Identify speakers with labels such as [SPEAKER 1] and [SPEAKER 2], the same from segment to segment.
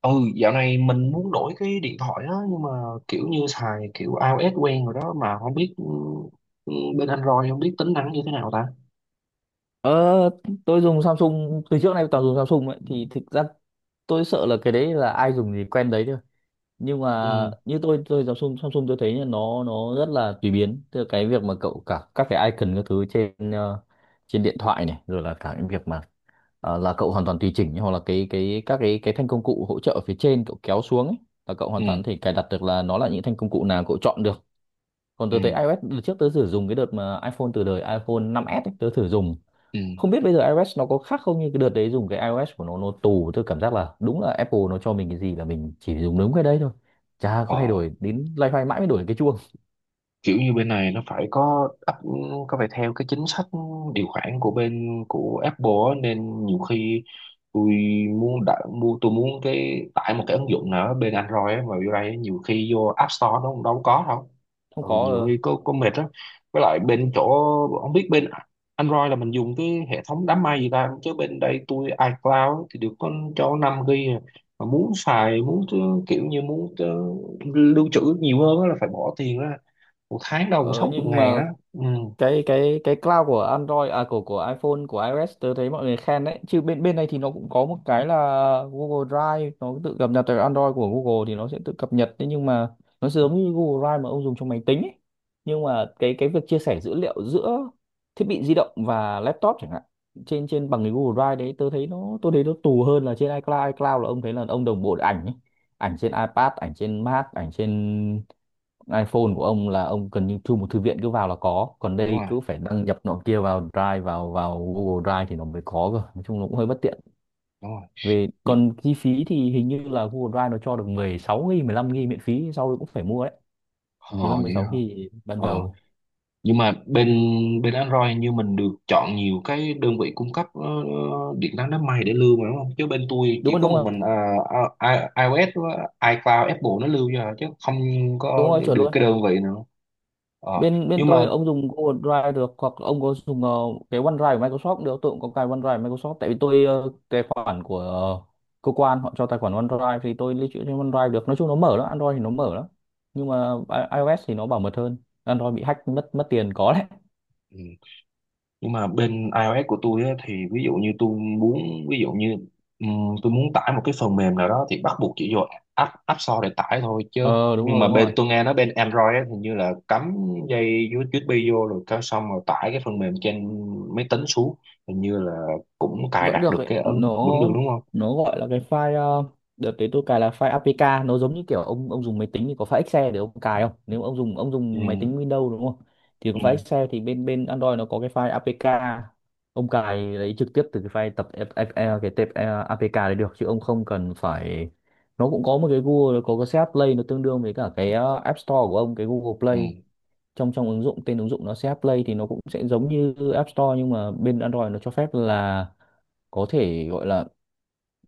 [SPEAKER 1] ừ Dạo này mình muốn đổi cái điện thoại đó, nhưng mà kiểu như xài kiểu iOS quen rồi đó, mà không biết. Ừ, ừ, Bên Android không biết tính năng như thế nào ta.
[SPEAKER 2] Ờ, tôi dùng Samsung, từ trước nay toàn dùng Samsung ấy, thì thực ra tôi sợ là cái đấy là ai dùng thì quen đấy thôi. Nhưng mà
[SPEAKER 1] ừ
[SPEAKER 2] như tôi, Samsung Samsung tôi thấy là nó rất là tùy biến, từ cái việc mà cậu cả các cái icon, các thứ trên trên điện thoại này, rồi là cả những việc mà là cậu hoàn toàn tùy chỉnh, hoặc là cái các cái thanh công cụ hỗ trợ ở phía trên cậu kéo xuống ấy, là cậu
[SPEAKER 1] ừ
[SPEAKER 2] hoàn toàn có thể cài đặt được là nó là những thanh công cụ nào cậu chọn được. Còn
[SPEAKER 1] ừ
[SPEAKER 2] tôi thấy iOS, đợt trước tôi thử dùng, cái đợt mà iPhone, từ đời iPhone năm s ấy, tôi thử dùng,
[SPEAKER 1] ừ
[SPEAKER 2] không biết bây giờ iOS nó có khác không. Như cái đợt đấy dùng cái iOS của nó tù, tôi cảm giác là đúng là Apple nó cho mình cái gì là mình chỉ dùng đúng cái đấy thôi, chả
[SPEAKER 1] ờ
[SPEAKER 2] có thay đổi, đến loay hoay mãi mới đổi được cái chuông.
[SPEAKER 1] Kiểu như bên này nó phải có áp, có phải theo cái chính sách điều khoản của bên của Apple á, nên nhiều khi tôi mua, tôi muốn tải một cái ứng dụng nào đó bên Android á, mà vô đây nhiều khi vô App Store nó cũng đâu có đâu.
[SPEAKER 2] Không có.
[SPEAKER 1] Nhiều
[SPEAKER 2] Ờ,
[SPEAKER 1] khi có mệt đó. Với lại bên chỗ, không biết bên Android là mình dùng cái hệ thống đám mây gì ta, chứ bên đây tôi iCloud á, thì được có cho 5 GB à. Mà muốn xài, muốn kiểu như muốn lưu trữ nhiều hơn á, là phải bỏ tiền ra một tháng đâu cũng
[SPEAKER 2] ờ,
[SPEAKER 1] sáu chục
[SPEAKER 2] nhưng
[SPEAKER 1] ngàn á.
[SPEAKER 2] mà
[SPEAKER 1] Ừ,
[SPEAKER 2] cái cloud của Android, à, của iPhone, của iOS, tớ thấy mọi người khen đấy chứ. Bên bên này thì nó cũng có một cái là Google Drive, nó tự cập nhật từ Android của Google thì nó sẽ tự cập nhật. Thế nhưng mà nó giống như Google Drive mà ông dùng trong máy tính ấy. Nhưng mà cái việc chia sẻ dữ liệu giữa thiết bị di động và laptop chẳng hạn, trên trên bằng cái Google Drive đấy, tớ thấy nó tôi thấy nó tù hơn là trên iCloud. iCloud là ông thấy là ông đồng bộ được ảnh ấy. Ảnh trên iPad, ảnh trên Mac, ảnh trên iPhone của ông là ông cần như thu một thư viện, cứ vào là có. Còn
[SPEAKER 1] đúng
[SPEAKER 2] đây
[SPEAKER 1] rồi,
[SPEAKER 2] cứ phải đăng nhập nọ kia vào Drive, vào vào Google Drive thì nó mới có cơ. Nói chung nó cũng hơi bất tiện
[SPEAKER 1] đúng rồi.
[SPEAKER 2] về.
[SPEAKER 1] Nhưng.
[SPEAKER 2] Còn chi phí thì hình như là Google Drive nó cho được 16 GB, 15 GB miễn phí, sau đó cũng phải mua đấy.
[SPEAKER 1] Ờ
[SPEAKER 2] 15
[SPEAKER 1] vậy
[SPEAKER 2] 16
[SPEAKER 1] hả.
[SPEAKER 2] GB ban
[SPEAKER 1] Ờ.
[SPEAKER 2] đầu.
[SPEAKER 1] Nhưng mà bên bên Android như mình được chọn nhiều cái đơn vị cung cấp điện toán đám mây để lưu mà, đúng không? Chứ bên tôi
[SPEAKER 2] Đúng
[SPEAKER 1] chỉ
[SPEAKER 2] rồi,
[SPEAKER 1] có
[SPEAKER 2] đúng
[SPEAKER 1] một
[SPEAKER 2] rồi.
[SPEAKER 1] mình iOS với iCloud Apple nó lưu cho à, chứ không
[SPEAKER 2] Đúng
[SPEAKER 1] có
[SPEAKER 2] rồi, chuẩn
[SPEAKER 1] được
[SPEAKER 2] luôn.
[SPEAKER 1] cái đơn vị nào. Ờ.
[SPEAKER 2] Bên bên
[SPEAKER 1] Nhưng mà.
[SPEAKER 2] tôi, ông dùng Google Drive được, hoặc ông có dùng cái OneDrive của Microsoft cũng được. Tôi cũng có cái OneDrive của Microsoft, tại vì tôi, tài khoản của, cơ quan họ cho tài khoản OneDrive, thì tôi lưu trữ trên OneDrive được. Nói chung nó mở lắm, Android thì nó mở lắm. Nhưng mà iOS thì nó bảo mật hơn. Android bị hack, mất mất tiền có đấy.
[SPEAKER 1] Nhưng mà bên iOS của tôi á, thì ví dụ như tôi muốn, ví dụ như ừm, tôi muốn tải một cái phần mềm nào đó thì bắt buộc chỉ vô app app store để tải thôi, chứ
[SPEAKER 2] Ờ đúng
[SPEAKER 1] nhưng
[SPEAKER 2] rồi,
[SPEAKER 1] mà
[SPEAKER 2] đúng rồi.
[SPEAKER 1] bên tôi nghe nói bên Android á, hình như là cắm dây USB vô rồi cái xong rồi tải cái phần mềm trên máy tính xuống, hình như là cũng cài
[SPEAKER 2] Vẫn
[SPEAKER 1] đặt
[SPEAKER 2] được
[SPEAKER 1] được
[SPEAKER 2] ấy.
[SPEAKER 1] cái ứng,
[SPEAKER 2] nó
[SPEAKER 1] vẫn được đúng không?
[SPEAKER 2] nó gọi là cái file, đợt đấy tôi cài là file APK. Nó giống như kiểu ông dùng máy tính thì có file Excel để ông cài không, nếu ông dùng, ông
[SPEAKER 1] ừ
[SPEAKER 2] dùng máy tính Windows đúng không. Thì có
[SPEAKER 1] ừ
[SPEAKER 2] file Excel, thì bên bên Android nó có cái file APK. Ông cài lấy trực tiếp từ cái file tập, cái tệp APK đấy được, chứ ông không cần phải. Nó cũng có một cái Google, nó có cái CH Play, nó tương đương với cả cái App Store của ông, cái Google
[SPEAKER 1] ừ
[SPEAKER 2] Play. Trong trong ứng dụng, tên ứng dụng nó CH Play, thì nó cũng sẽ giống như App Store. Nhưng mà bên Android nó cho phép là có thể gọi là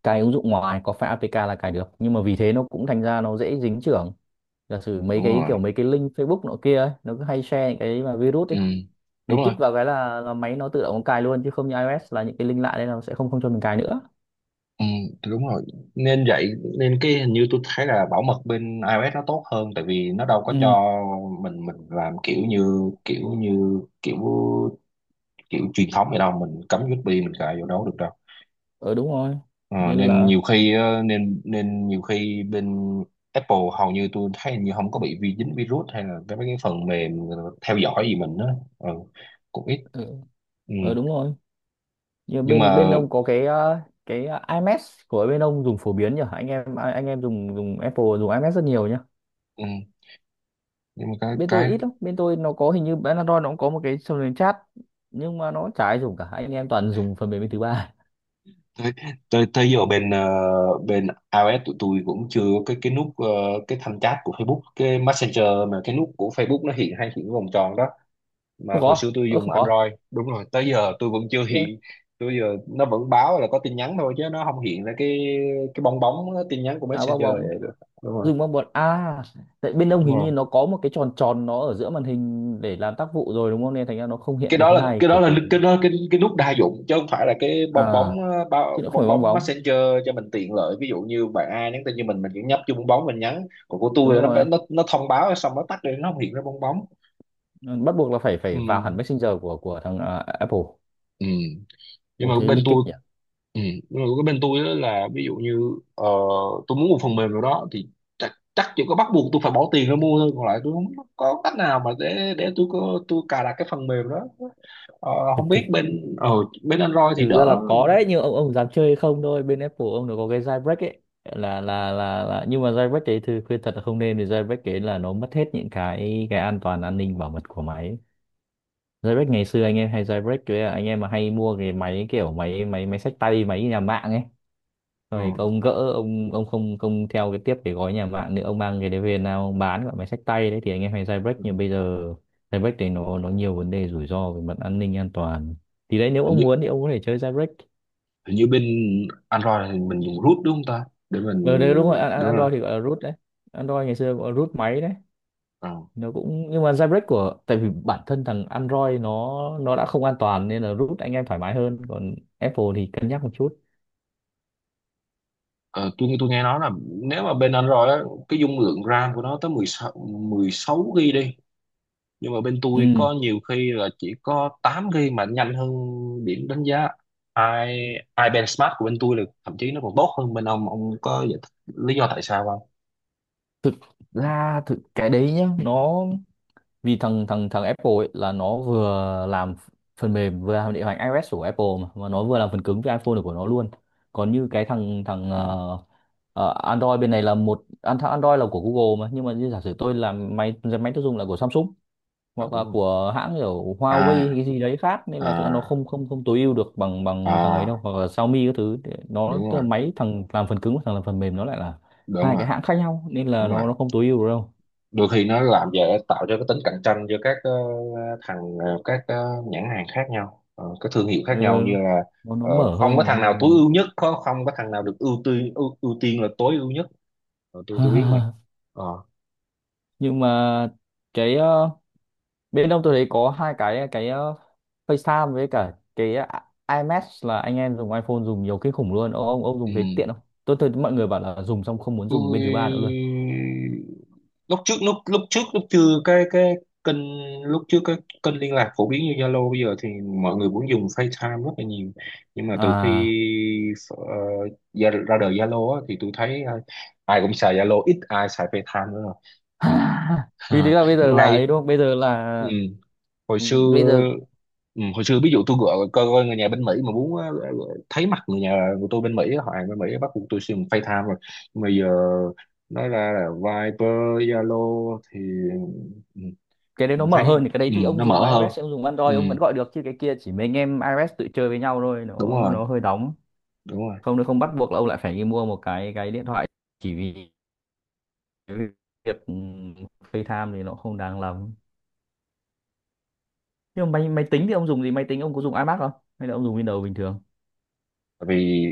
[SPEAKER 2] cài ứng dụng ngoài, có phải APK là cài được, nhưng mà vì thế nó cũng thành ra nó dễ dính chưởng. Giả sử mấy
[SPEAKER 1] Đúng
[SPEAKER 2] cái
[SPEAKER 1] rồi.
[SPEAKER 2] kiểu, mấy cái link Facebook nọ kia ấy, nó cứ hay share những cái mà virus ấy,
[SPEAKER 1] ừ Đúng
[SPEAKER 2] mình kích
[SPEAKER 1] rồi.
[SPEAKER 2] vào cái là, máy nó tự động nó cài luôn. Chứ không như iOS là những cái link lạ đấy là nó sẽ không không cho mình cài nữa.
[SPEAKER 1] Ừ, thì đúng rồi, nên vậy, nên cái hình như tôi thấy là bảo mật bên iOS nó tốt hơn, tại vì nó đâu có
[SPEAKER 2] Ừ.
[SPEAKER 1] cho mình làm kiểu như, kiểu như, kiểu, kiểu truyền thống vậy đâu, mình cắm USB mình cài vô đó được đâu.
[SPEAKER 2] Ờ đúng rồi,
[SPEAKER 1] Ờ,
[SPEAKER 2] nên
[SPEAKER 1] nên
[SPEAKER 2] là.
[SPEAKER 1] nhiều khi ờ, nên nên nhiều khi bên Apple hầu như tôi thấy hình như không có bị vi, dính virus hay là cái mấy cái phần mềm theo dõi gì mình đó. ừ, Cũng ít.
[SPEAKER 2] Ừ,
[SPEAKER 1] Ừ.
[SPEAKER 2] ờ đúng rồi. Nhưng
[SPEAKER 1] Nhưng mà.
[SPEAKER 2] bên bên ông có cái cái iMessage của bên ông, dùng phổ biến nhỉ. Anh em dùng dùng Apple, dùng iMessage rất nhiều nhỉ.
[SPEAKER 1] Ừ. Nhưng mà
[SPEAKER 2] Bên tôi
[SPEAKER 1] cái
[SPEAKER 2] ít lắm, bên tôi nó có, hình như bên Android nó cũng có một cái phần mềm chat nhưng mà nó chả ai dùng cả, anh em toàn dùng phần mềm bên thứ ba.
[SPEAKER 1] tới tới tới giờ bên bên iOS tụi tôi cũng chưa có cái nút cái thanh chat của Facebook, cái Messenger, mà cái nút của Facebook nó hiện, hay hiện cái vòng tròn đó, mà
[SPEAKER 2] Không
[SPEAKER 1] hồi
[SPEAKER 2] có,
[SPEAKER 1] xưa tôi
[SPEAKER 2] ơ,
[SPEAKER 1] dùng
[SPEAKER 2] không có
[SPEAKER 1] Android đúng rồi, tới giờ tôi vẫn chưa
[SPEAKER 2] rồi.
[SPEAKER 1] hiện. Tôi giờ nó vẫn báo là có tin nhắn thôi, chứ nó không hiện ra cái bong bóng tin nhắn của
[SPEAKER 2] À bong
[SPEAKER 1] Messenger
[SPEAKER 2] bóng.
[SPEAKER 1] vậy được. Đúng rồi,
[SPEAKER 2] Dùng bong bóng à? Tại bên ông
[SPEAKER 1] đúng
[SPEAKER 2] hình như
[SPEAKER 1] rồi,
[SPEAKER 2] nó có một cái tròn tròn nó ở giữa màn hình để làm tác vụ rồi, đúng không, nên thành ra nó không hiện cái thứ hai kiểu kiểu thế.
[SPEAKER 1] cái đó cái nút đa dụng chứ không phải là cái bong bóng,
[SPEAKER 2] À, chứ
[SPEAKER 1] bao-
[SPEAKER 2] nó không
[SPEAKER 1] bong
[SPEAKER 2] phải bong
[SPEAKER 1] bóng
[SPEAKER 2] bóng.
[SPEAKER 1] Messenger, cho mình tiện lợi. Ví dụ như bạn ai nhắn tin, như mình chỉ nhấp vô bong bóng mình nhắn, còn của tôi
[SPEAKER 2] Đúng
[SPEAKER 1] là
[SPEAKER 2] rồi,
[SPEAKER 1] nó thông báo xong nó tắt đi, nó không hiện ra bong bóng.
[SPEAKER 2] bắt buộc là phải
[SPEAKER 1] Ừ,
[SPEAKER 2] phải vào hẳn Messenger của thằng, à, Apple.
[SPEAKER 1] ừ. Nhưng
[SPEAKER 2] Ồ,
[SPEAKER 1] mà
[SPEAKER 2] thế
[SPEAKER 1] bên
[SPEAKER 2] lích kích
[SPEAKER 1] tôi.
[SPEAKER 2] nhỉ.
[SPEAKER 1] Ừ. Nhưng mà cái bên tôi á là ví dụ như ờ, tôi muốn một phần mềm nào đó thì chắc chắc chỉ có bắt buộc tôi phải bỏ tiền ra mua thôi, còn lại tôi không có cách nào mà để tôi có, tôi cài đặt cái phần mềm đó. Ờ, không biết
[SPEAKER 2] thực
[SPEAKER 1] bên bên Android thì
[SPEAKER 2] thực ra là
[SPEAKER 1] đỡ.
[SPEAKER 2] có đấy, nhưng ông, dám chơi hay không thôi. Bên Apple, ông, nó có cái jailbreak ấy, là nhưng mà jailbreak đấy thì khuyên thật là không nên, vì jailbreak đấy là nó mất hết những cái an toàn, an ninh bảo mật của máy ấy. Jailbreak ngày xưa anh em hay jailbreak, với là anh em mà hay mua cái máy kiểu máy, máy xách tay, máy nhà mạng ấy,
[SPEAKER 1] Ừ.
[SPEAKER 2] rồi ông gỡ, ông không không theo cái tiếp cái gói nhà mạng nữa, ông mang cái đấy về nào, ông bán gọi máy xách tay đấy, thì anh em hay jailbreak.
[SPEAKER 1] Ừ.
[SPEAKER 2] Nhưng bây giờ jailbreak đấy nó nhiều vấn đề rủi ro về mặt an ninh an toàn. Thì đấy, nếu
[SPEAKER 1] Hình
[SPEAKER 2] ông
[SPEAKER 1] như,
[SPEAKER 2] muốn thì ông có thể chơi jailbreak.
[SPEAKER 1] hình như bên Android thì mình dùng root đúng không ta, để mình.
[SPEAKER 2] Ờ đấy đúng rồi.
[SPEAKER 1] Đúng rồi.
[SPEAKER 2] Android thì gọi là root đấy. Android ngày xưa gọi là root máy đấy.
[SPEAKER 1] Ờ.
[SPEAKER 2] Nó cũng, nhưng mà jailbreak của, tại vì bản thân thằng Android nó đã không an toàn nên là root anh em thoải mái hơn, còn Apple thì cân nhắc một chút.
[SPEAKER 1] Ờ, tôi nghe nói là nếu mà bên Android á, cái dung lượng RAM của nó tới 16 GB đi, nhưng mà bên tôi
[SPEAKER 2] Ừ.
[SPEAKER 1] có nhiều khi là chỉ có 8 GB mà nhanh hơn, điểm đánh giá i iBand Smart của bên tôi là thậm chí nó còn tốt hơn bên ông. Ông có giải thích lý do tại sao không?
[SPEAKER 2] Thực ra cái đấy nhá, nó vì thằng thằng thằng Apple ấy là nó vừa làm phần mềm, vừa làm điều hành iOS của Apple mà nó vừa làm phần cứng cho iPhone của nó luôn. Còn như cái thằng thằng Android bên này là một, thằng Android là của Google mà, nhưng mà như giả sử tôi làm máy, tiêu dùng là của Samsung
[SPEAKER 1] Ờ,
[SPEAKER 2] hoặc
[SPEAKER 1] đúng
[SPEAKER 2] là
[SPEAKER 1] rồi.
[SPEAKER 2] của hãng kiểu Huawei hay
[SPEAKER 1] À,
[SPEAKER 2] cái gì đấy khác, nên là thực ra nó
[SPEAKER 1] à,
[SPEAKER 2] không không không tối ưu được bằng bằng thằng ấy đâu,
[SPEAKER 1] à,
[SPEAKER 2] hoặc là Xiaomi các thứ. Nó
[SPEAKER 1] đúng
[SPEAKER 2] tức
[SPEAKER 1] rồi,
[SPEAKER 2] là máy, thằng làm phần cứng và thằng làm phần mềm nó lại là
[SPEAKER 1] đúng rồi, đúng
[SPEAKER 2] hai cái
[SPEAKER 1] rồi,
[SPEAKER 2] hãng khác nhau, nên
[SPEAKER 1] đúng
[SPEAKER 2] là
[SPEAKER 1] rồi.
[SPEAKER 2] nó không tối ưu được đâu.
[SPEAKER 1] Đôi khi nó làm giờ tạo cho cái tính cạnh tranh giữa các thằng, các nhãn hàng khác nhau, các thương hiệu
[SPEAKER 2] Ừ,
[SPEAKER 1] khác nhau, như là
[SPEAKER 2] nó mở
[SPEAKER 1] không có
[SPEAKER 2] hơn mà,
[SPEAKER 1] thằng nào
[SPEAKER 2] nhưng mà
[SPEAKER 1] tối
[SPEAKER 2] nó...
[SPEAKER 1] ưu nhất, không không có thằng nào được ưu tiên, ưu tiên là tối ưu nhất. Ờ, tôi biết mà. Ờ,
[SPEAKER 2] Nhưng mà cái, bên ông tôi thấy có hai cái, FaceTime với cả cái, iMessage, là anh em dùng iPhone dùng nhiều kinh khủng luôn. Ông dùng
[SPEAKER 1] ừ.
[SPEAKER 2] thấy tiện không? Tôi thấy mọi người bảo là dùng xong không muốn dùng
[SPEAKER 1] tôi
[SPEAKER 2] bên thứ ba nữa luôn.
[SPEAKER 1] lúc trước lúc chưa cái cái kênh lúc trước cái kênh liên lạc phổ biến như Zalo bây giờ, thì mọi người cũng dùng FaceTime rất là nhiều. Nhưng mà từ khi
[SPEAKER 2] À,
[SPEAKER 1] ờ, ra đời Zalo á, thì tôi thấy ai cũng xài Zalo, ít ai xài FaceTime nữa rồi. Ừ.
[SPEAKER 2] vì thế
[SPEAKER 1] Ha.
[SPEAKER 2] là bây giờ là
[SPEAKER 1] Ngay.
[SPEAKER 2] ấy đúng không, bây giờ
[SPEAKER 1] Ừ,
[SPEAKER 2] là
[SPEAKER 1] hồi xưa.
[SPEAKER 2] bây giờ
[SPEAKER 1] Ừ, hồi xưa ví dụ tôi gọi coi người nhà bên Mỹ, mà muốn thấy mặt người nhà của tôi bên Mỹ á, họ hàng bên Mỹ á, bắt buộc tôi sử dụng FaceTime rồi. Nhưng mà giờ nói ra là Viber, Zalo thì ừ,
[SPEAKER 2] cái đấy
[SPEAKER 1] tôi
[SPEAKER 2] nó
[SPEAKER 1] thấy
[SPEAKER 2] mở hơn thì cái đấy,
[SPEAKER 1] ừ,
[SPEAKER 2] thì ông
[SPEAKER 1] nó
[SPEAKER 2] dùng
[SPEAKER 1] mở hơn.
[SPEAKER 2] iOS, ông dùng
[SPEAKER 1] Ừ,
[SPEAKER 2] Android ông vẫn gọi được. Chứ cái kia chỉ mấy anh em iOS tự chơi với nhau thôi,
[SPEAKER 1] đúng
[SPEAKER 2] nó
[SPEAKER 1] rồi,
[SPEAKER 2] nó hơi đóng.
[SPEAKER 1] đúng rồi.
[SPEAKER 2] Không, nó không bắt buộc là ông lại phải đi mua một cái điện thoại, chỉ vì cái việc FaceTime thì nó không đáng lắm. Nhưng mà máy, tính thì ông dùng gì? Máy tính ông có dùng iMac không, hay là ông dùng Windows bình thường
[SPEAKER 1] Tại vì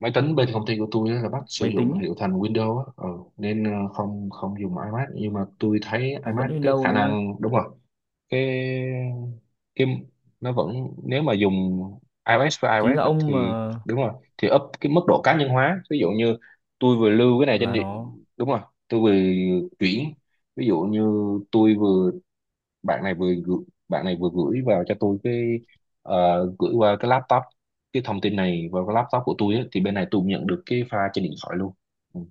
[SPEAKER 1] máy tính bên công ty của tôi á là bắt sử
[SPEAKER 2] máy tính
[SPEAKER 1] dụng
[SPEAKER 2] ấy,
[SPEAKER 1] hiệu thành Windows á, ừ, nên không không dùng iMac, nhưng mà tôi thấy
[SPEAKER 2] nó vẫn
[SPEAKER 1] iMac cái
[SPEAKER 2] Windows
[SPEAKER 1] khả
[SPEAKER 2] đúng không.
[SPEAKER 1] năng đúng rồi cái cái nó vẫn, nếu mà dùng iOS với
[SPEAKER 2] Chính
[SPEAKER 1] iOS
[SPEAKER 2] là
[SPEAKER 1] á,
[SPEAKER 2] ông mà
[SPEAKER 1] thì đúng rồi thì up cái mức độ cá nhân hóa, ví dụ như tôi vừa lưu cái này trên
[SPEAKER 2] là
[SPEAKER 1] điện,
[SPEAKER 2] nó.
[SPEAKER 1] đúng rồi tôi vừa chuyển, ví dụ như tôi vừa, bạn này vừa gửi, bạn này vừa gửi vào cho tôi cái gửi qua cái laptop, cái thông tin này vào cái laptop của tôi á, thì bên này tôi cũng nhận được cái file trên điện thoại luôn. Ừ.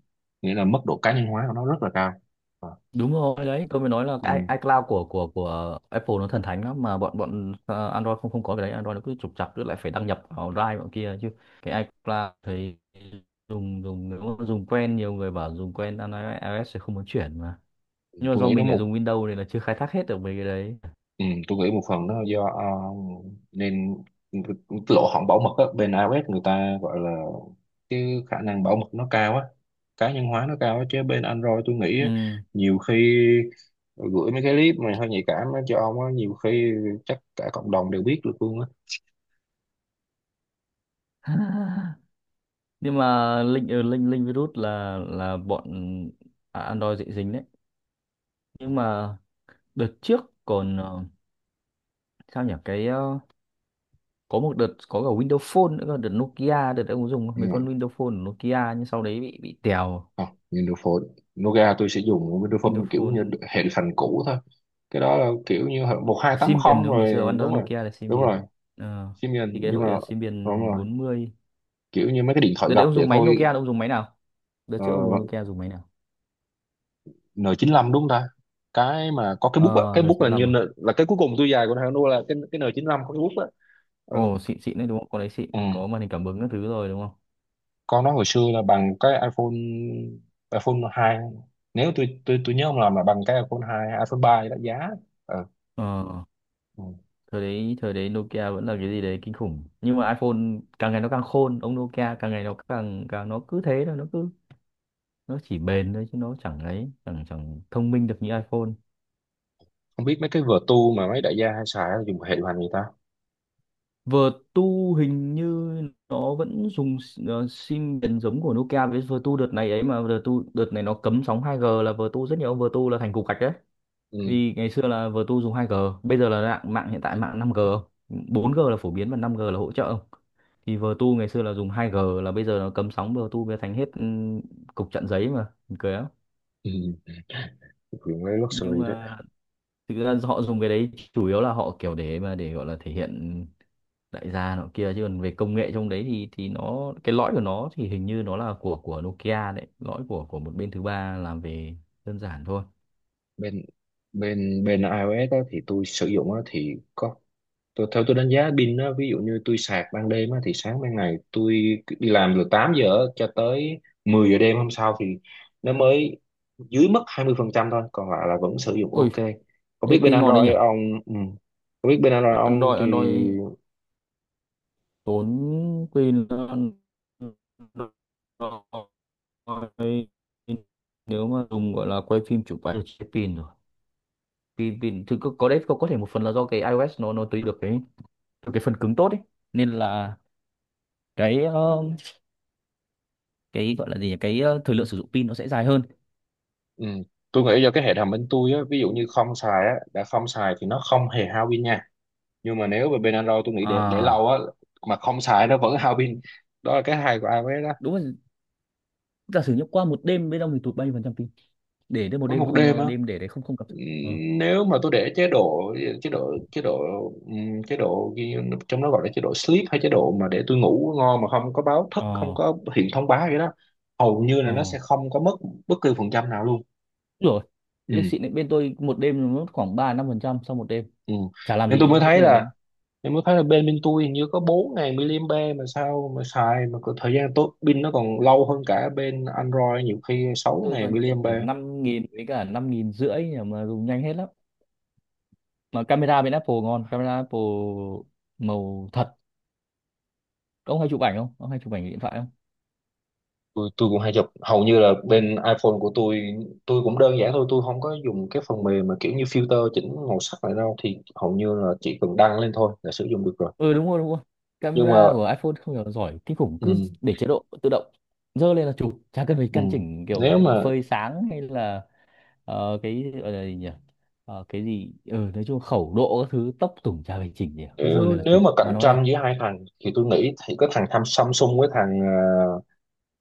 [SPEAKER 1] Nghĩa là mức độ cá nhân hóa của nó rất là cao. Ờ.
[SPEAKER 2] Đúng rồi, đấy tôi mới nói là
[SPEAKER 1] Ừ.
[SPEAKER 2] cái iCloud của Apple nó thần thánh lắm mà. Bọn bọn ờ, Android không không có cái đấy. Android nó cứ trục trặc, cứ lại phải đăng nhập vào Drive bọn kia chứ. Cái iCloud thì dùng dùng nếu mà dùng quen, nhiều người bảo dùng quen iOS sẽ không muốn chuyển mà. Nhưng mà
[SPEAKER 1] tôi
[SPEAKER 2] do
[SPEAKER 1] nghĩ nó
[SPEAKER 2] mình lại
[SPEAKER 1] một
[SPEAKER 2] dùng Windows nên là chưa khai thác hết được mấy cái đấy.
[SPEAKER 1] Ừ, tôi nghĩ một phần nó do ờ, nên lỗ hổng bảo mật á, bên iOS người ta gọi là cái khả năng bảo mật nó cao á, cá nhân hóa nó cao á, chứ bên Android tôi nghĩ á,
[SPEAKER 2] Ừ.
[SPEAKER 1] nhiều khi gửi mấy cái clip mà hơi nhạy cảm á cho ông á, nhiều khi chắc cả cộng đồng đều biết được luôn á.
[SPEAKER 2] Nhưng mà linh ở linh linh virus là, bọn, à, Android dễ dính đấy. Nhưng mà đợt trước còn, sao nhỉ, cái, có một đợt có cả Windows Phone nữa cơ, đợt Nokia, đợt ông có dùng không? Mấy
[SPEAKER 1] Nhưng mà
[SPEAKER 2] con Windows Phone của Nokia nhưng sau đấy bị tèo.
[SPEAKER 1] không, Windows Phone Nokia tôi sẽ dùng Windows Phone
[SPEAKER 2] Windows
[SPEAKER 1] kiểu như
[SPEAKER 2] Phone
[SPEAKER 1] hệ phần cũ thôi, cái đó là kiểu như một hai tám
[SPEAKER 2] sim biển
[SPEAKER 1] không
[SPEAKER 2] đúng không, ngày
[SPEAKER 1] rồi
[SPEAKER 2] xưa
[SPEAKER 1] đúng
[SPEAKER 2] Android
[SPEAKER 1] rồi.
[SPEAKER 2] Nokia là sim
[SPEAKER 1] Đúng
[SPEAKER 2] biển.
[SPEAKER 1] rồi,
[SPEAKER 2] Ờ, thì
[SPEAKER 1] Symbian.
[SPEAKER 2] cái
[SPEAKER 1] Nhưng
[SPEAKER 2] hội
[SPEAKER 1] mà
[SPEAKER 2] đèn sim
[SPEAKER 1] đúng
[SPEAKER 2] biển
[SPEAKER 1] rồi,
[SPEAKER 2] bốn mươi.
[SPEAKER 1] kiểu như mấy cái điện thoại
[SPEAKER 2] Đợt
[SPEAKER 1] gập
[SPEAKER 2] đấy ông
[SPEAKER 1] vậy
[SPEAKER 2] dùng máy
[SPEAKER 1] thôi.
[SPEAKER 2] Nokia, ông dùng máy nào? Đợt
[SPEAKER 1] ờ,
[SPEAKER 2] trước ông dùng Nokia dùng máy nào?
[SPEAKER 1] N95 đúng không ta, cái mà có cái bút á,
[SPEAKER 2] Ờ,
[SPEAKER 1] cái
[SPEAKER 2] đợt
[SPEAKER 1] bút là như
[SPEAKER 2] 95
[SPEAKER 1] N,
[SPEAKER 2] à?
[SPEAKER 1] là cái cuối cùng tôi dài của thằng Nua, là cái N95 có cái bút á. Ừ.
[SPEAKER 2] Ồ, xịn xịn đấy đúng không, con đấy xịn
[SPEAKER 1] Ừ.
[SPEAKER 2] có màn hình cảm ứng các thứ rồi đúng không?
[SPEAKER 1] Con nó hồi xưa là bằng cái iPhone iPhone 2. Nếu tôi nhớ không lầm là bằng cái iPhone 2, iPhone 3 đã giá. Ừ.
[SPEAKER 2] Ờ,
[SPEAKER 1] Ừ.
[SPEAKER 2] thời đấy Nokia vẫn là cái gì đấy kinh khủng nhưng mà iPhone càng ngày nó càng khôn, ông Nokia càng ngày nó càng càng nó cứ thế thôi, nó cứ nó chỉ bền thôi chứ nó chẳng ấy chẳng chẳng thông minh được như iPhone.
[SPEAKER 1] Không biết mấy cái Vertu mà mấy đại gia hay xài á, dùng hệ điều hành người ta.
[SPEAKER 2] Vertu hình như nó vẫn dùng sim miền giống của Nokia. Với Vertu đợt này ấy mà, Vertu đợt này nó cấm sóng 2G là Vertu rất nhiều ông Vertu là thành cục gạch đấy.
[SPEAKER 1] Ừ.
[SPEAKER 2] Vì ngày xưa là vừa tu dùng 2G, bây giờ là mạng, mạng hiện tại mạng 5G, 4G là phổ biến và 5G là hỗ trợ không. Thì vừa tu ngày xưa là dùng 2G, là bây giờ nó cấm sóng vừa tu bây giờ thành hết, cục chặn giấy mà, buồn cười lắm.
[SPEAKER 1] Ừ. Dùng cái
[SPEAKER 2] Nhưng
[SPEAKER 1] luxury.
[SPEAKER 2] mà thực ra họ dùng cái đấy chủ yếu là họ kiểu để mà để gọi là thể hiện đại gia nọ kia, chứ còn về công nghệ trong đấy thì nó cái lõi của nó thì hình như nó là của Nokia đấy, lõi của một bên thứ ba làm về đơn giản thôi.
[SPEAKER 1] Bên bên Bên iOS á, thì tôi sử dụng á, thì có theo tôi đánh giá pin á, ví dụ như tôi sạc ban đêm á, thì sáng ban ngày tôi đi làm từ 8 giờ á, cho tới 10 giờ đêm hôm sau thì nó mới dưới mất 20% thôi, còn lại là vẫn sử dụng
[SPEAKER 2] Ôi,
[SPEAKER 1] ok. Có
[SPEAKER 2] cái
[SPEAKER 1] biết bên
[SPEAKER 2] pin ngon đấy nhỉ.
[SPEAKER 1] Android ông, ừ, có biết bên Android ông
[SPEAKER 2] Android
[SPEAKER 1] thì.
[SPEAKER 2] Android tốn pin hơn. Nếu mà dùng, gọi là, quay phim chụp ảnh chết pin rồi. Pin pin thực có đấy, có thể một phần là do cái iOS nó tùy được cái phần cứng tốt ấy, nên là cái, cái, gọi là gì nhỉ, cái, thời lượng sử dụng pin nó sẽ dài hơn.
[SPEAKER 1] Ừ, tôi nghĩ do cái hệ thống bên tôi á, ví dụ như không xài á, đã không xài thì nó không hề hao pin nha, nhưng mà nếu về bên Android tôi nghĩ để
[SPEAKER 2] À,
[SPEAKER 1] lâu á mà không xài nó vẫn hao pin. Đó là cái hay của iOS đó.
[SPEAKER 2] đúng rồi, giả sử như qua một đêm bên ông thì tụt bao nhiêu phần trăm pin? Để đến một
[SPEAKER 1] Có
[SPEAKER 2] đêm
[SPEAKER 1] một
[SPEAKER 2] không,
[SPEAKER 1] đêm á,
[SPEAKER 2] đêm để đấy không không cập. Ờ,
[SPEAKER 1] nếu mà tôi để chế độ, chế độ chế độ ghi-, trong đó gọi là chế độ sleep, hay chế độ mà để tôi ngủ ngon mà không có báo thức, không
[SPEAKER 2] ờ,
[SPEAKER 1] có hiện thông báo gì đó, hầu như là
[SPEAKER 2] ờ.
[SPEAKER 1] nó sẽ không có mất bất cứ phần trăm nào luôn.
[SPEAKER 2] Đúng rồi.
[SPEAKER 1] Ừ,
[SPEAKER 2] Cái này xịn đấy, bên tôi một đêm nó mất khoảng ba năm phần trăm sau một đêm.
[SPEAKER 1] ừ.
[SPEAKER 2] Chả làm
[SPEAKER 1] Nên
[SPEAKER 2] gì
[SPEAKER 1] tôi
[SPEAKER 2] nhá,
[SPEAKER 1] mới
[SPEAKER 2] vứt
[SPEAKER 1] thấy
[SPEAKER 2] nguyên đấy.
[SPEAKER 1] là, em mới thấy là bên bên tôi hình như có bốn 000 mAh, mà sao mà xài mà có thời gian tốt pin nó còn lâu hơn cả bên Android nhiều khi sáu
[SPEAKER 2] Tôi còn treo
[SPEAKER 1] 000
[SPEAKER 2] biển
[SPEAKER 1] mAh.
[SPEAKER 2] năm nghìn với cả năm nghìn rưỡi mà dùng nhanh hết lắm. Mà camera bên Apple ngon, camera Apple màu thật. Ông hay chụp ảnh không, ông hay chụp ảnh điện thoại không?
[SPEAKER 1] Tôi cũng hay chụp, hầu như là bên iPhone của tôi cũng đơn giản thôi, tôi không có dùng cái phần mềm mà kiểu như filter chỉnh màu sắc này đâu, thì hầu như là chỉ cần đăng lên thôi là sử dụng được rồi.
[SPEAKER 2] Ừ, đúng rồi đúng rồi.
[SPEAKER 1] Nhưng mà
[SPEAKER 2] Camera của iPhone không hiểu giỏi kinh khủng, cứ
[SPEAKER 1] ừ,
[SPEAKER 2] để chế độ tự động dơ lên là chụp, chả cần phải
[SPEAKER 1] ừ.
[SPEAKER 2] căn chỉnh
[SPEAKER 1] Nếu
[SPEAKER 2] kiểu
[SPEAKER 1] mà,
[SPEAKER 2] phơi sáng hay là cái gọi là gì nhỉ. Cái gì, ừ, nói chung khẩu độ các thứ tốc tủng chả phải chỉnh gì cả. Cứ dơ lên là
[SPEAKER 1] nếu
[SPEAKER 2] chụp
[SPEAKER 1] mà
[SPEAKER 2] mà
[SPEAKER 1] cạnh
[SPEAKER 2] nó đẹp.
[SPEAKER 1] tranh giữa hai thằng thì tôi nghĩ thì có thằng tham Samsung với thằng ờ,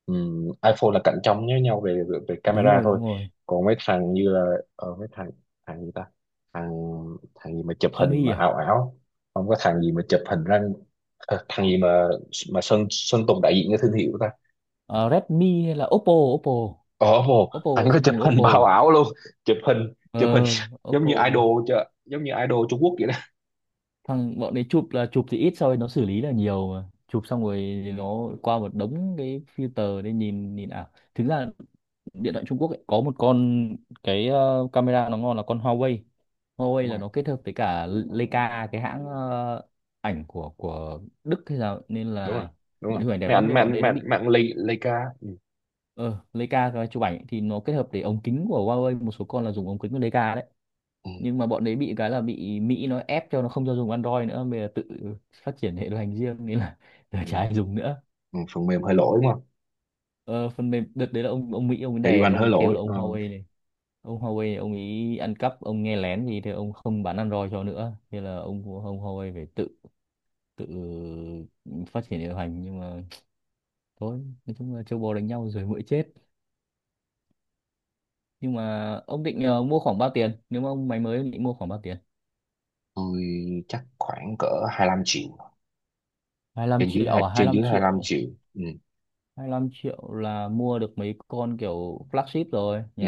[SPEAKER 1] ừm, iPhone là cạnh tranh với nhau về, về về
[SPEAKER 2] Đúng
[SPEAKER 1] camera
[SPEAKER 2] rồi
[SPEAKER 1] thôi.
[SPEAKER 2] đúng rồi.
[SPEAKER 1] Còn mấy thằng như là mấy thằng, thằng gì ta, thằng thằng gì mà chụp hình mà
[SPEAKER 2] Xiaomi à?
[SPEAKER 1] ảo ảo, không, có thằng gì mà chụp hình răng, thằng gì mà Sơn Sơn Tùng đại diện cho thương hiệu ta,
[SPEAKER 2] Ờ, Redmi hay là Oppo, Oppo.
[SPEAKER 1] ờ vô
[SPEAKER 2] Oppo
[SPEAKER 1] thằng
[SPEAKER 2] là
[SPEAKER 1] có
[SPEAKER 2] sư
[SPEAKER 1] chụp
[SPEAKER 2] Tùng
[SPEAKER 1] hình
[SPEAKER 2] Oppo.
[SPEAKER 1] bao ảo luôn. Chụp hình
[SPEAKER 2] Ờ,
[SPEAKER 1] giống
[SPEAKER 2] Oppo.
[SPEAKER 1] như idol chứ, giống như idol Trung Quốc vậy
[SPEAKER 2] Thằng bọn đấy chụp là chụp thì ít rồi, nó xử lý là nhiều, mà chụp xong rồi nó qua một đống cái filter để nhìn nhìn ảo. Thực ra điện thoại Trung Quốc ấy, có một con cái camera nó ngon là con Huawei. Huawei là
[SPEAKER 1] đó.
[SPEAKER 2] nó kết hợp với cả Leica, cái hãng ảnh của Đức hay sao ấy, nên
[SPEAKER 1] Đúng rồi,
[SPEAKER 2] là
[SPEAKER 1] đúng
[SPEAKER 2] bọn
[SPEAKER 1] rồi,
[SPEAKER 2] hình ảnh đẹp lắm
[SPEAKER 1] mạng
[SPEAKER 2] nhưng bọn
[SPEAKER 1] mạng
[SPEAKER 2] đấy nó
[SPEAKER 1] mạng
[SPEAKER 2] bị một
[SPEAKER 1] mạng
[SPEAKER 2] cái là
[SPEAKER 1] mấy ảnh, ca. Ừ.
[SPEAKER 2] ờ Leica cái chụp ảnh thì nó kết hợp để ống kính của Huawei, một số con là dùng ống kính của Leica đấy.
[SPEAKER 1] Ừ.
[SPEAKER 2] Nhưng mà bọn đấy bị cái là bị Mỹ nó ép cho nó không cho dùng Android nữa, bây giờ tự phát triển hệ điều hành riêng nên là giờ chả
[SPEAKER 1] Ừ.
[SPEAKER 2] ai dùng nữa.
[SPEAKER 1] Ừ. Phần mềm hơi lỗi đúng không,
[SPEAKER 2] Ờ, phần mềm đợt đấy là ông Mỹ ông ấy
[SPEAKER 1] thì điều
[SPEAKER 2] đè
[SPEAKER 1] anh
[SPEAKER 2] ông
[SPEAKER 1] hơi
[SPEAKER 2] ấy kêu
[SPEAKER 1] lỗi.
[SPEAKER 2] là
[SPEAKER 1] Ờ,
[SPEAKER 2] ông Huawei này ông ấy ăn cắp ông nghe lén gì thì ông không bán Android cho nữa, thế là ông Huawei phải tự tự phát triển hệ điều hành, nhưng mà thôi, nói chung là châu bò đánh nhau rồi muỗi chết. Nhưng mà ông định mua khoảng bao tiền, nếu mà ông máy mới ông định mua khoảng bao tiền?
[SPEAKER 1] tôi chắc khoảng cỡ 25 triệu,
[SPEAKER 2] Hai lăm
[SPEAKER 1] trên dưới
[SPEAKER 2] triệu à, hai
[SPEAKER 1] trên
[SPEAKER 2] lăm
[SPEAKER 1] dưới 25
[SPEAKER 2] triệu?
[SPEAKER 1] triệu. Ừ.
[SPEAKER 2] Hai mươi lăm triệu là mua được mấy con kiểu flagship rồi nhỉ.
[SPEAKER 1] Ừ.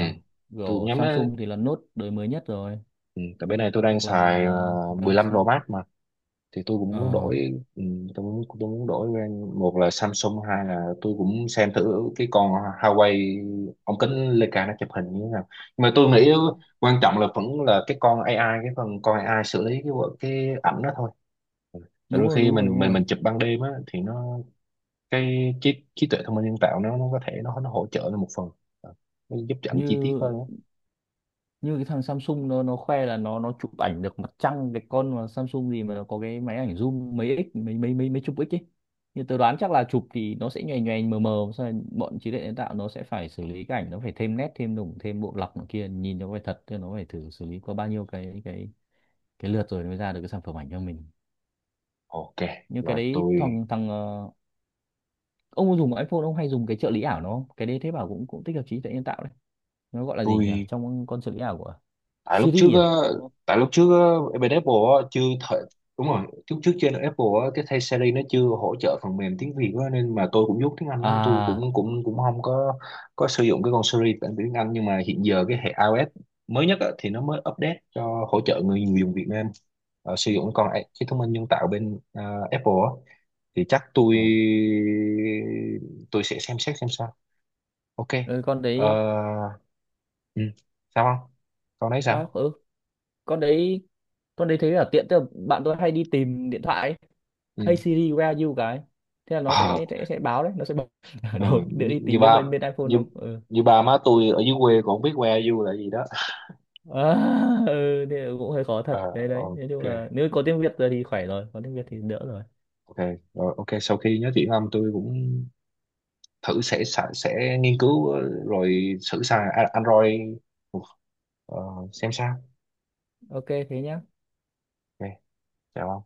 [SPEAKER 1] Tôi cũng
[SPEAKER 2] Kiểu
[SPEAKER 1] nhắm đó.
[SPEAKER 2] Samsung thì là Note đời mới nhất rồi,
[SPEAKER 1] Ừ. Tại bên này tôi đang
[SPEAKER 2] hoặc
[SPEAKER 1] xài
[SPEAKER 2] là
[SPEAKER 1] 15 Pro
[SPEAKER 2] Galaxy.
[SPEAKER 1] Max mà, thì tôi cũng muốn
[SPEAKER 2] Ờ,
[SPEAKER 1] đổi. Ừ, tôi muốn, tôi muốn đổi brand, một là Samsung, hai là tôi cũng xem thử cái con Huawei ống kính Leica nó chụp hình như thế nào. Nhưng mà tôi nghĩ quan trọng là vẫn là cái con AI, cái phần con AI xử lý cái ảnh đó thôi. Tại
[SPEAKER 2] đúng
[SPEAKER 1] đôi
[SPEAKER 2] rồi
[SPEAKER 1] khi
[SPEAKER 2] đúng rồi đúng rồi.
[SPEAKER 1] mình chụp ban đêm á thì nó, cái trí trí tuệ thông minh nhân tạo nó có thể nó hỗ trợ lên một phần. Ờ, nó giúp cho ảnh chi tiết
[SPEAKER 2] Như
[SPEAKER 1] hơn á.
[SPEAKER 2] như cái thằng Samsung nó khoe là nó chụp ảnh được mặt trăng, cái con mà Samsung gì mà nó có cái máy ảnh zoom mấy x mấy mấy mấy mấy chục x ấy. Như tớ đoán chắc là chụp thì nó sẽ nhòe nhòe mờ mờ xong rồi bọn trí tuệ nhân tạo nó sẽ phải xử lý cái ảnh, nó phải thêm nét thêm đủng thêm bộ lọc này kia nhìn nó phải thật, chứ nó phải thử xử lý qua bao nhiêu cái cái lượt rồi mới ra được cái sản phẩm ảnh cho mình.
[SPEAKER 1] Ok,
[SPEAKER 2] Nhưng cái
[SPEAKER 1] rồi.
[SPEAKER 2] đấy thằng thằng ờ, ông có dùng iPhone ông hay dùng cái trợ lý ảo nó không? Cái đấy thế bảo cũng cũng tích hợp trí tuệ nhân tạo đấy. Nó gọi là gì nhỉ,
[SPEAKER 1] Tôi
[SPEAKER 2] trong con trợ lý ảo của
[SPEAKER 1] Tại lúc trước
[SPEAKER 2] Siri
[SPEAKER 1] á,
[SPEAKER 2] à, đúng không?
[SPEAKER 1] tại lúc trước á, bên Apple á, chưa thể, đúng rồi lúc trước trên Apple á, cái thay Siri nó chưa hỗ trợ phần mềm tiếng Việt á, nên mà tôi cũng dốt tiếng Anh lắm, tôi
[SPEAKER 2] À,
[SPEAKER 1] cũng cũng cũng không có có sử dụng cái con Siri bản tiếng Anh. Nhưng mà hiện giờ cái hệ iOS mới nhất á, thì nó mới update cho hỗ trợ người người dùng Việt Nam sử dụng con cái thông minh nhân tạo bên Apple á, thì chắc
[SPEAKER 2] ừ.
[SPEAKER 1] tôi sẽ xem xét xem sao. Ok.
[SPEAKER 2] Ừ, con đấy.
[SPEAKER 1] Ờ, ừ. Sao không, con đấy
[SPEAKER 2] Đó,
[SPEAKER 1] sao.
[SPEAKER 2] ừ. Con đấy, con đấy thấy là tiện, tức là bạn tôi hay đi tìm điện thoại ấy.
[SPEAKER 1] Ừ.
[SPEAKER 2] Hey Siri, where are you, cái thế là nó
[SPEAKER 1] Ờ.
[SPEAKER 2] sẽ báo đấy, nó sẽ báo ở
[SPEAKER 1] Ờ,
[SPEAKER 2] đâu để
[SPEAKER 1] như,
[SPEAKER 2] đi tìm. Bên
[SPEAKER 1] ba,
[SPEAKER 2] bên bên iPhone
[SPEAKER 1] như
[SPEAKER 2] nó ừ.
[SPEAKER 1] như ba má tôi ở dưới quê còn không biết que du là gì đó.
[SPEAKER 2] À, ừ, thế cũng hơi khó thật
[SPEAKER 1] Ờ,
[SPEAKER 2] đấy đấy, nói
[SPEAKER 1] ok,
[SPEAKER 2] chung là nếu có tiếng Việt rồi thì khỏe rồi, có tiếng Việt thì đỡ rồi.
[SPEAKER 1] ok, rồi, ok, sau khi nói chuyện với ông tôi cũng thử, sẽ nghiên cứu, rồi thử xài Android ờ, xem sao.
[SPEAKER 2] Ok thế nhá.
[SPEAKER 1] Ok. Chào ông.